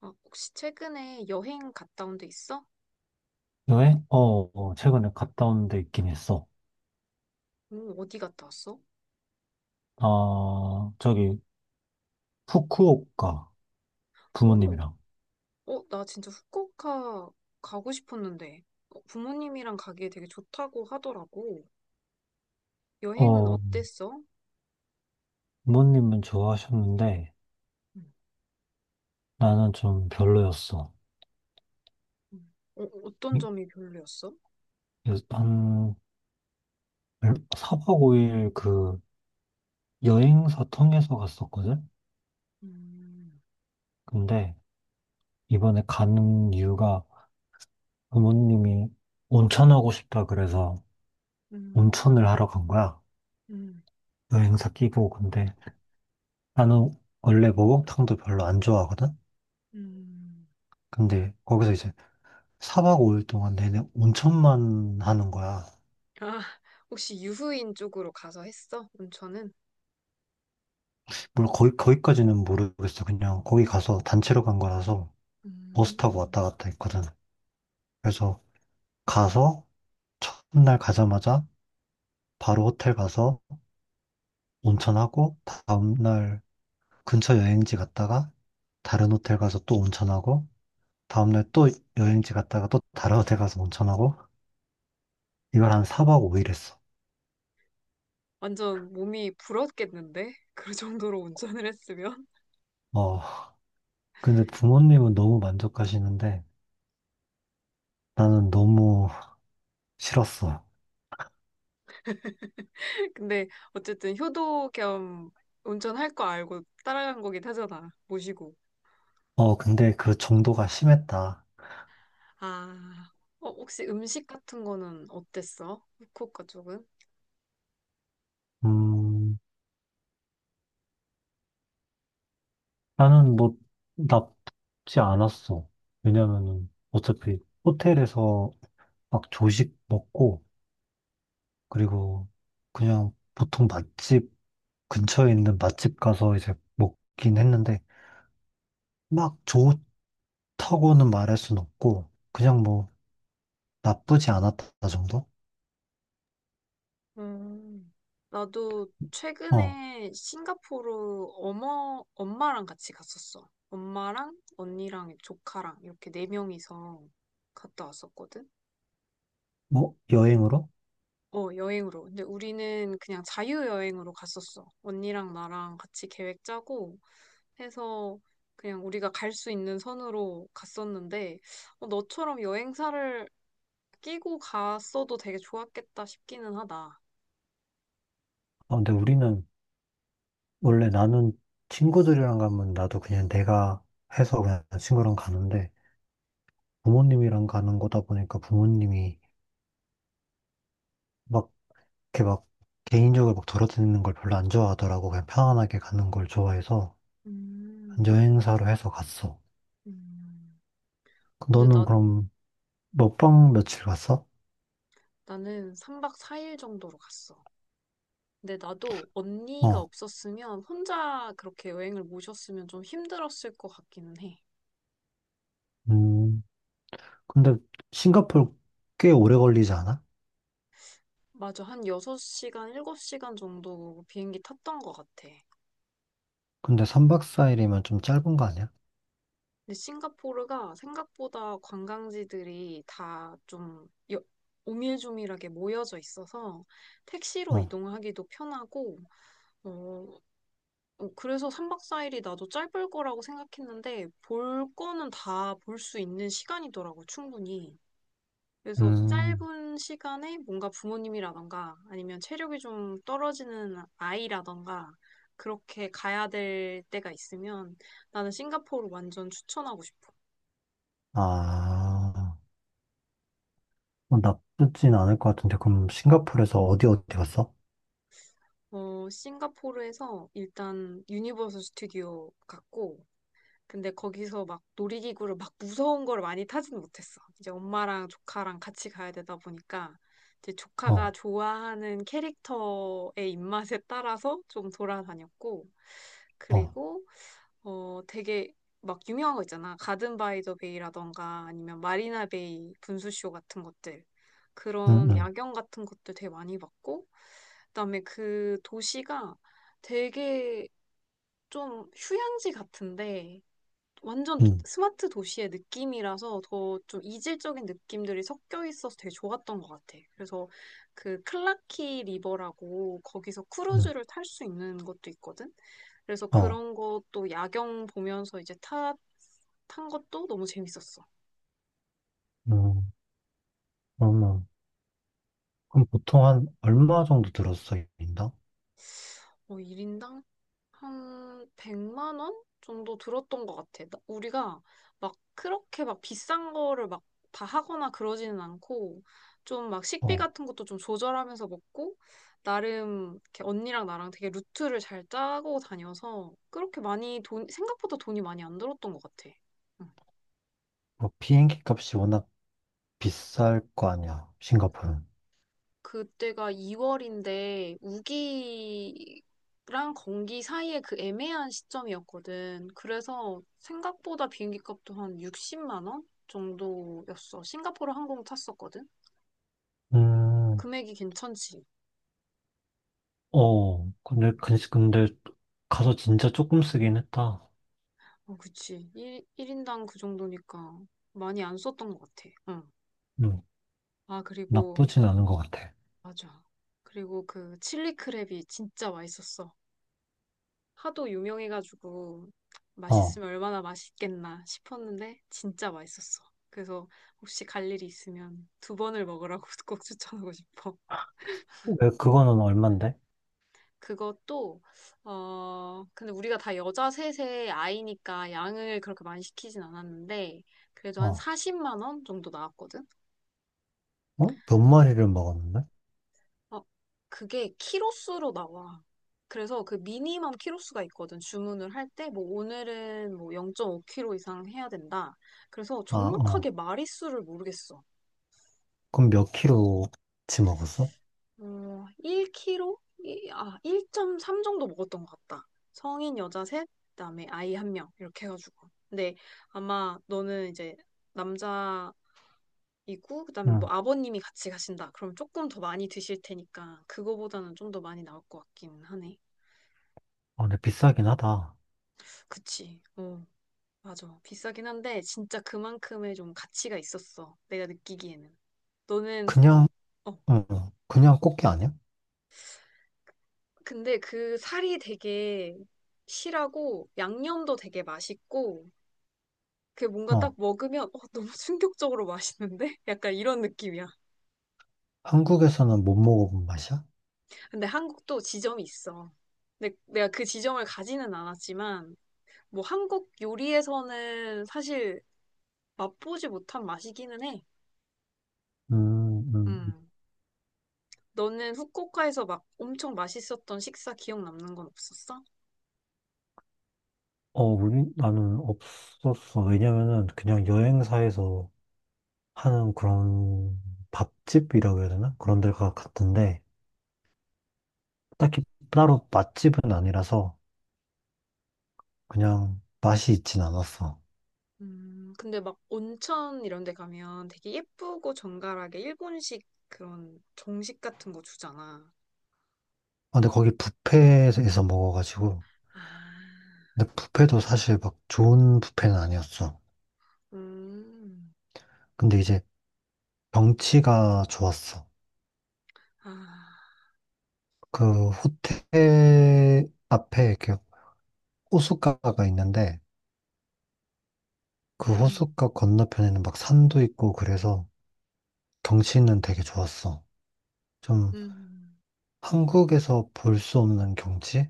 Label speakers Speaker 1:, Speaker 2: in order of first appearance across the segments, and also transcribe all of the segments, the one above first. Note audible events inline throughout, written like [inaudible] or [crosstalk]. Speaker 1: 아, 혹시 최근에 여행 갔다 온데 있어?
Speaker 2: 여행? 어, 어, 최근에 갔다 온 데 있긴 했어.
Speaker 1: 오, 어디 갔다 왔어?
Speaker 2: 아, 저기, 후쿠오카,
Speaker 1: 오,
Speaker 2: 부모님이랑.
Speaker 1: 어, 나 진짜 후쿠오카 가고 싶었는데 어, 부모님이랑 가기에 되게 좋다고 하더라고. 여행은
Speaker 2: 어,
Speaker 1: 어땠어?
Speaker 2: 부모님은 좋아하셨는데,
Speaker 1: 음.
Speaker 2: 나는 좀 별로였어.
Speaker 1: 음. 어, 어떤
Speaker 2: 이-
Speaker 1: 점이 별로였어?
Speaker 2: 그래서 한, 4박 5일 여행사 통해서 갔었거든?
Speaker 1: 음,
Speaker 2: 근데, 이번에 가는 이유가 부모님이 온천하고 싶다 그래서
Speaker 1: 음,
Speaker 2: 온천을 하러 간 거야.
Speaker 1: 음,
Speaker 2: 여행사 끼고. 근데, 나는 원래 목욕탕도 별로 안 좋아하거든?
Speaker 1: 음.
Speaker 2: 근데 거기서 이제 4박 5일 동안 내내 온천만 하는 거야.
Speaker 1: 아, 혹시 유후인 쪽으로 가서 했어? 온천은?
Speaker 2: 물론 거기까지는 모르겠어. 그냥 거기 가서 단체로 간 거라서 버스 타고
Speaker 1: 음.
Speaker 2: 왔다 갔다 했거든. 그래서 가서 첫날 가자마자 바로 호텔 가서 온천하고 다음날 근처 여행지 갔다가 다른 호텔 가서 또 온천하고 다음날 또 여행지 갔다가 또 다른 호텔 가서 온천하고 이걸 한 4박 5일 했어.
Speaker 1: 완전 몸이 불었겠는데? 그 [laughs] 정도로 운전을 했으면?
Speaker 2: 어, 근데 부모님은 너무 만족하시는데 나는 너무 싫었어.
Speaker 1: 근데 어쨌든 효도 겸 운전할 거 알고 따라간 거긴 하잖아. 모시고.
Speaker 2: 어, 근데 그 정도가 심했다.
Speaker 1: 아, 어, 혹시 음식 같은 거는 어땠어? 후쿠오카 쪽은?
Speaker 2: 음, 나는 뭐, 나쁘지 않았어. 왜냐면은, 어차피 호텔에서 막 조식 먹고, 그리고 그냥 보통 맛집, 근처에 있는 맛집 가서 이제 먹긴 했는데, 막 좋다고는 말할 순 없고, 그냥 뭐, 나쁘지 않았다 정도?
Speaker 1: 음, 나도
Speaker 2: 어,
Speaker 1: 최근에 싱가포르 어머, 엄마랑 같이 갔었어. 엄마랑 언니랑 조카랑 이렇게 네 명이서 갔다 왔었거든.
Speaker 2: 뭐, 여행으로?
Speaker 1: 어, 여행으로. 근데 우리는 그냥 자유여행으로 갔었어. 언니랑 나랑 같이 계획 짜고 해서 그냥 우리가 갈 수 있는 선으로 갔었는데 어, 너처럼 여행사를 끼고 갔어도 되게 좋았겠다 싶기는 하다.
Speaker 2: 어, 근데 원래 나는 친구들이랑 가면 나도 그냥 내가 해서 그냥 친구랑 가는데, 부모님이랑 가는 거다 보니까 부모님이 막 이렇게 막 개인적으로 막 돌아다니는 걸 별로 안 좋아하더라고. 그냥 편안하게 가는 걸 좋아해서
Speaker 1: 음,
Speaker 2: 여행사로 해서 갔어.
Speaker 1: 음, 근데
Speaker 2: 너는
Speaker 1: 나,
Speaker 2: 그럼 몇 박 며칠 갔어?
Speaker 1: 나는 3박 4일 정도로 갔어. 근데 나도 언니가
Speaker 2: 어.
Speaker 1: 없었으면 혼자 그렇게 여행을 모셨으면 좀 힘들었을 것 같기는 해.
Speaker 2: 음. 근데 싱가포르 꽤 오래 걸리지 않아?
Speaker 1: 맞아. 한 6시간, 7시간 정도 비행기 탔던 것 같아.
Speaker 2: 근데 3박 4일이면 좀 짧은 거 아니야?
Speaker 1: 근데 싱가포르가 생각보다 관광지들이 다 좀 오밀조밀하게 모여져 있어서 택시로
Speaker 2: 어.
Speaker 1: 이동하기도 편하고, 어, 어, 그래서 3박 4일이 나도 짧을 거라고 생각했는데 볼 거는 다 볼 수 있는 시간이더라고, 충분히. 그래서
Speaker 2: 음.
Speaker 1: 짧은 시간에 뭔가 부모님이라던가 아니면 체력이 좀 떨어지는 아이라던가 그렇게 가야 될 때가 있으면 나는 싱가포르 완전 추천하고 싶어.
Speaker 2: 아. 어, 나쁘진 않을 것 같은데 그럼 싱가포르에서 어디 어디 갔어?
Speaker 1: 어, 싱가포르에서 일단 유니버설 스튜디오 갔고, 근데 거기서 막 놀이기구를 막 무서운 걸 많이 타진 못했어. 이제 엄마랑 조카랑 같이 가야 되다 보니까 이제 조카가
Speaker 2: 어.
Speaker 1: 좋아하는 캐릭터의 입맛에 따라서 좀 돌아다녔고
Speaker 2: 어.
Speaker 1: 그리고 어 되게 막 유명한 거 있잖아. 가든 바이 더 베이라던가 아니면 마리나 베이 분수쇼 같은 것들.
Speaker 2: 응,
Speaker 1: 그런
Speaker 2: 응,
Speaker 1: 야경 같은 것들 되게 많이 봤고 그다음에 그 도시가 되게 좀 휴양지 같은데 완전
Speaker 2: 응,
Speaker 1: 스마트 도시의 느낌이라서 더 좀 이질적인 느낌들이 섞여 있어서 되게 좋았던 것 같아. 그래서 그 클라키 리버라고 거기서
Speaker 2: 응.
Speaker 1: 크루즈를 탈 수 있는 것도 있거든. 그래서
Speaker 2: 어.
Speaker 1: 그런 것도 야경 보면서 이제 탄 것도 너무 재밌었어.
Speaker 2: 음. 어머, 그럼 보통 한 얼마 정도 들었어, 인당?
Speaker 1: 어, 1인당 한 100만 원 정도 들었던 것 같아. 나- 우리가 막 그렇게 막 비싼 거를 막 다 하거나 그러지는 않고 좀 막 식비
Speaker 2: 어,
Speaker 1: 같은 것도 좀 조절하면서 먹고 나름 이렇게 언니랑 나랑 되게 루트를 잘 짜고 다녀서 그렇게 많이 돈 생각보다 돈이 많이 안 들었던 것 같아. 응.
Speaker 2: 뭐 비행기 값이 워낙 비쌀 거 아니야, 싱가포르는.
Speaker 1: 그때가 2월인데 우기랑 건기 사이에 그 애매한 시점이었거든. 그래서 생각보다 비행기 값도 한 60만 원 정도였어. 싱가포르 항공 탔었거든.
Speaker 2: 음,
Speaker 1: 금액이 괜찮지.
Speaker 2: 어, 근데,
Speaker 1: 응.
Speaker 2: 근데 근데 가서 진짜 조금 쓰긴 했다.
Speaker 1: 어, 그치. 일인당그 정도니까 많이 안 썼던 것 같아. 응.
Speaker 2: 음,
Speaker 1: 아, 그리고
Speaker 2: 나쁘진 않은 것 같아.
Speaker 1: 맞아. 그리고 그 칠리 크랩이 진짜 맛있었어. 하도 유명해가지고
Speaker 2: 어,
Speaker 1: 맛있으면 얼마나 맛있겠나 싶었는데 진짜 맛있었어. 그래서 혹시 갈 일이 있으면 두 번을 먹으라고 [laughs] 꼭 추천하고 싶어.
Speaker 2: 왜 그거는 얼만데?
Speaker 1: 그것도 어 근데 우리가 다 여자 셋의 아이니까 양을 그렇게 많이 시키진 않았는데 그래도 한
Speaker 2: 어,
Speaker 1: 40만 원 정도 나왔거든.
Speaker 2: 어? 몇 마리를 먹었는데?
Speaker 1: 어, 그게 키로수로 나와. 그래서 그 미니멈 키로수가 있거든. 주문을 할 때, 뭐, 오늘은 뭐 0 5 k 로 이상 해야 된다. 그래서
Speaker 2: 아, 어,
Speaker 1: 정확하게 마리수를 모르겠어.
Speaker 2: 그럼 몇 킬로치 먹었어?
Speaker 1: 어, 1 k 이 아, 1.3 정도 먹었던 것 같다. 성인 여자 셋, 그다음에 아이 한 명. 이렇게 해가지고. 근데 아마 너는 이제 남자이고, 그다음에 뭐
Speaker 2: 응,
Speaker 1: 아버님이 같이 가신다. 그럼 조금 더 많이 드실 테니까, 그거보다는 좀 더 많이 나올 것 같기는 하네.
Speaker 2: 어, 근데 비싸긴 하다.
Speaker 1: 그치. 어. 맞아. 비싸긴 한데 진짜 그만큼의 좀 가치가 있었어. 내가 느끼기에는. 너는
Speaker 2: 그냥,
Speaker 1: 후콕? 어.
Speaker 2: 응, 응. 그냥 꽃게 아니야?
Speaker 1: 근데 그 살이 되게 실하고 양념도 되게 맛있고 그게 뭔가
Speaker 2: 어,
Speaker 1: 딱 먹으면 어, 너무 충격적으로 맛있는데? [laughs] 약간 이런 느낌이야.
Speaker 2: 한국에서는 못 먹어본 맛이야?
Speaker 1: 근데 한국도 지점이 있어. 근데 내가 그 지점을 가지는 않았지만 뭐 한국 요리에서는 사실 맛보지 못한 맛이기는 해.
Speaker 2: 음, 음.
Speaker 1: 음. 너는 후쿠오카에서 막 엄청 맛있었던 식사 기억 남는 건 없었어?
Speaker 2: 어, 나는 없었어. 왜냐면은 그냥 여행사에서 하는 그런 밥집이라고 해야 되나? 그런 데가 같은데, 딱히 따로 맛집은 아니라서 그냥 맛이 있진 않았어.
Speaker 1: 근데 막 온천 이런 데 가면 되게 예쁘고 정갈하게 일본식 그런 정식 같은 거 주잖아.
Speaker 2: 아, 근데 거기 뷔페에서 먹어가지고,
Speaker 1: 아,
Speaker 2: 근데 뷔페도 사실 막 좋은 뷔페는 아니었어.
Speaker 1: 음,
Speaker 2: 근데 이제 경치가 좋았어.
Speaker 1: 아,
Speaker 2: 그 호텔 앞에 이렇게 호숫가가 있는데, 그
Speaker 1: 음, 음,
Speaker 2: 호숫가 건너편에는 막 산도 있고 그래서 경치는 되게 좋았어. 좀
Speaker 1: 음,
Speaker 2: 한국에서 볼 수 없는 경치?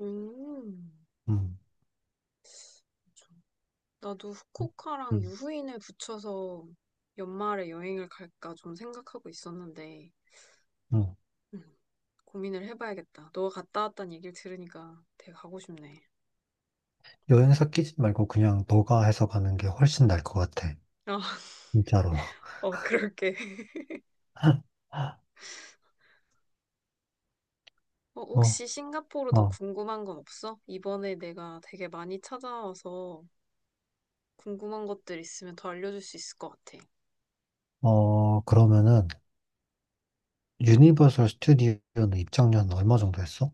Speaker 1: 음.
Speaker 2: 음,
Speaker 1: 그쵸. 나도 후쿠오카랑
Speaker 2: 음,
Speaker 1: 유후인을 붙여서 연말에 여행을 갈까 좀 생각하고 있었는데,
Speaker 2: 음.
Speaker 1: 음, 고민을 해봐야겠다. 너가 갔다 왔다는 얘기를 들으니까 되게 가고 싶네.
Speaker 2: 여행사 끼지 말고 그냥 너가 해서 가는 게 훨씬 나을 것 같아.
Speaker 1: [laughs]
Speaker 2: 진짜로.
Speaker 1: 어, 그럴게. [laughs]
Speaker 2: [laughs]
Speaker 1: 어,
Speaker 2: 어,
Speaker 1: 혹시 싱가포르 더
Speaker 2: 어,
Speaker 1: 궁금한 건 없어? 이번에 내가 되게 많이 찾아와서 궁금한 것들 있으면 더 알려줄 수 있을 것 같아.
Speaker 2: 어, 그러면은 유니버설 스튜디오는 입장료는 얼마 정도 했어?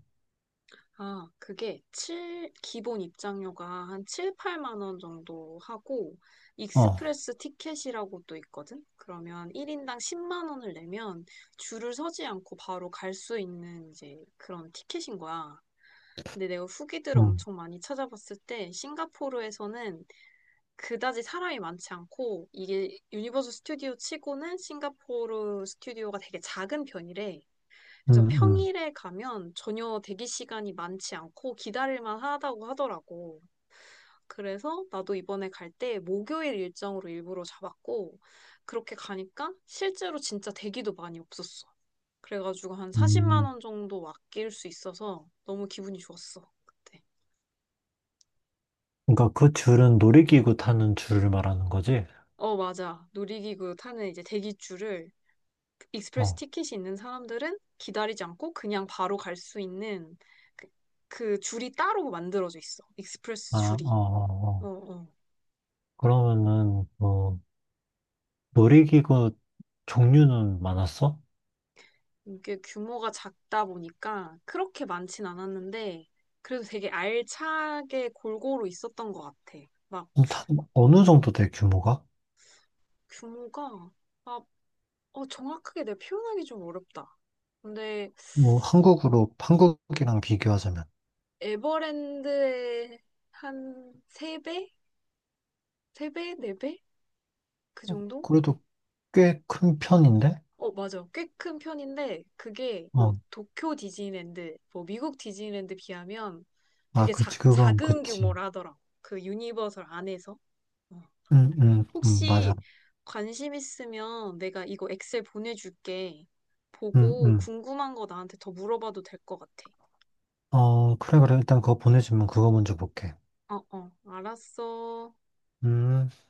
Speaker 1: 아, 그게 칠 기본 입장료가 한 7, 8만 원 정도 하고,
Speaker 2: 어,
Speaker 1: 익스프레스 티켓이라고 또 있거든? 그러면 1인당 10만 원을 내면 줄을 서지 않고 바로 갈 수 있는 이제 그런 티켓인 거야. 근데 내가 후기들을
Speaker 2: 음,
Speaker 1: 엄청 많이 찾아봤을 때, 싱가포르에서는 그다지 사람이 많지 않고 이게 유니버스 스튜디오 치고는 싱가포르 스튜디오가 되게 작은 편이래. 그래서
Speaker 2: 음, 음,
Speaker 1: 평일에 가면 전혀 대기 시간이 많지 않고 기다릴만 하다고 하더라고. 그래서 나도 이번에 갈 때 목요일 일정으로 일부러 잡았고 그렇게 가니까 실제로 진짜 대기도 많이 없었어. 그래가지고 한 40만
Speaker 2: 음.
Speaker 1: 원 정도 아낄 수 있어서 너무 기분이 좋았어. 그때.
Speaker 2: 그러니까 그 줄은 놀이기구 타는 줄을 말하는 거지?
Speaker 1: 어, 맞아. 놀이기구 타는 이제 대기줄을 익스프레스
Speaker 2: 어,
Speaker 1: 티켓이 있는 사람들은 기다리지 않고 그냥 바로 갈 수 있는 그, 그 줄이 따로 만들어져 있어.
Speaker 2: 아,
Speaker 1: 익스프레스
Speaker 2: 어,
Speaker 1: 줄이.
Speaker 2: 어,
Speaker 1: 어,
Speaker 2: 어.
Speaker 1: 어.
Speaker 2: 그러면은 뭐 놀이기구 종류는 많았어?
Speaker 1: 이게 규모가 작다 보니까 그렇게 많진 않았는데 그래도 되게 알차게 골고루 있었던 것 같아. 막
Speaker 2: 그럼 다 어느 정도 돼 규모가?
Speaker 1: 규모가 아, 어, 정확하게 내가 표현하기 좀 어렵다. 근데
Speaker 2: 뭐 한국으로 한국이랑 비교하자면.
Speaker 1: 에버랜드의 한 세배세배네배그
Speaker 2: 어,
Speaker 1: 정도?
Speaker 2: 그래도 꽤 큰 편인데?
Speaker 1: 어, 맞아. 꽤 큰 편인데, 그게 뭐
Speaker 2: 어,
Speaker 1: 도쿄 디즈니랜드, 뭐 미국 디즈니랜드 비하면
Speaker 2: 아
Speaker 1: 되게
Speaker 2: 그치 그건
Speaker 1: 작은
Speaker 2: 그치.
Speaker 1: 규모라더라. 그 유니버설 안에서. 어.
Speaker 2: 응, 응, 응, 맞아.
Speaker 1: 혹시 관심 있으면 내가 이거 엑셀 보내줄게.
Speaker 2: 응,
Speaker 1: 보고
Speaker 2: 응.
Speaker 1: 궁금한 거 나한테 더 물어봐도 될 것 같아.
Speaker 2: 어, 그래 그래 일단 그거 보내주면 그거 먼저 볼게.
Speaker 1: 어, 어, 알았어.
Speaker 2: 음.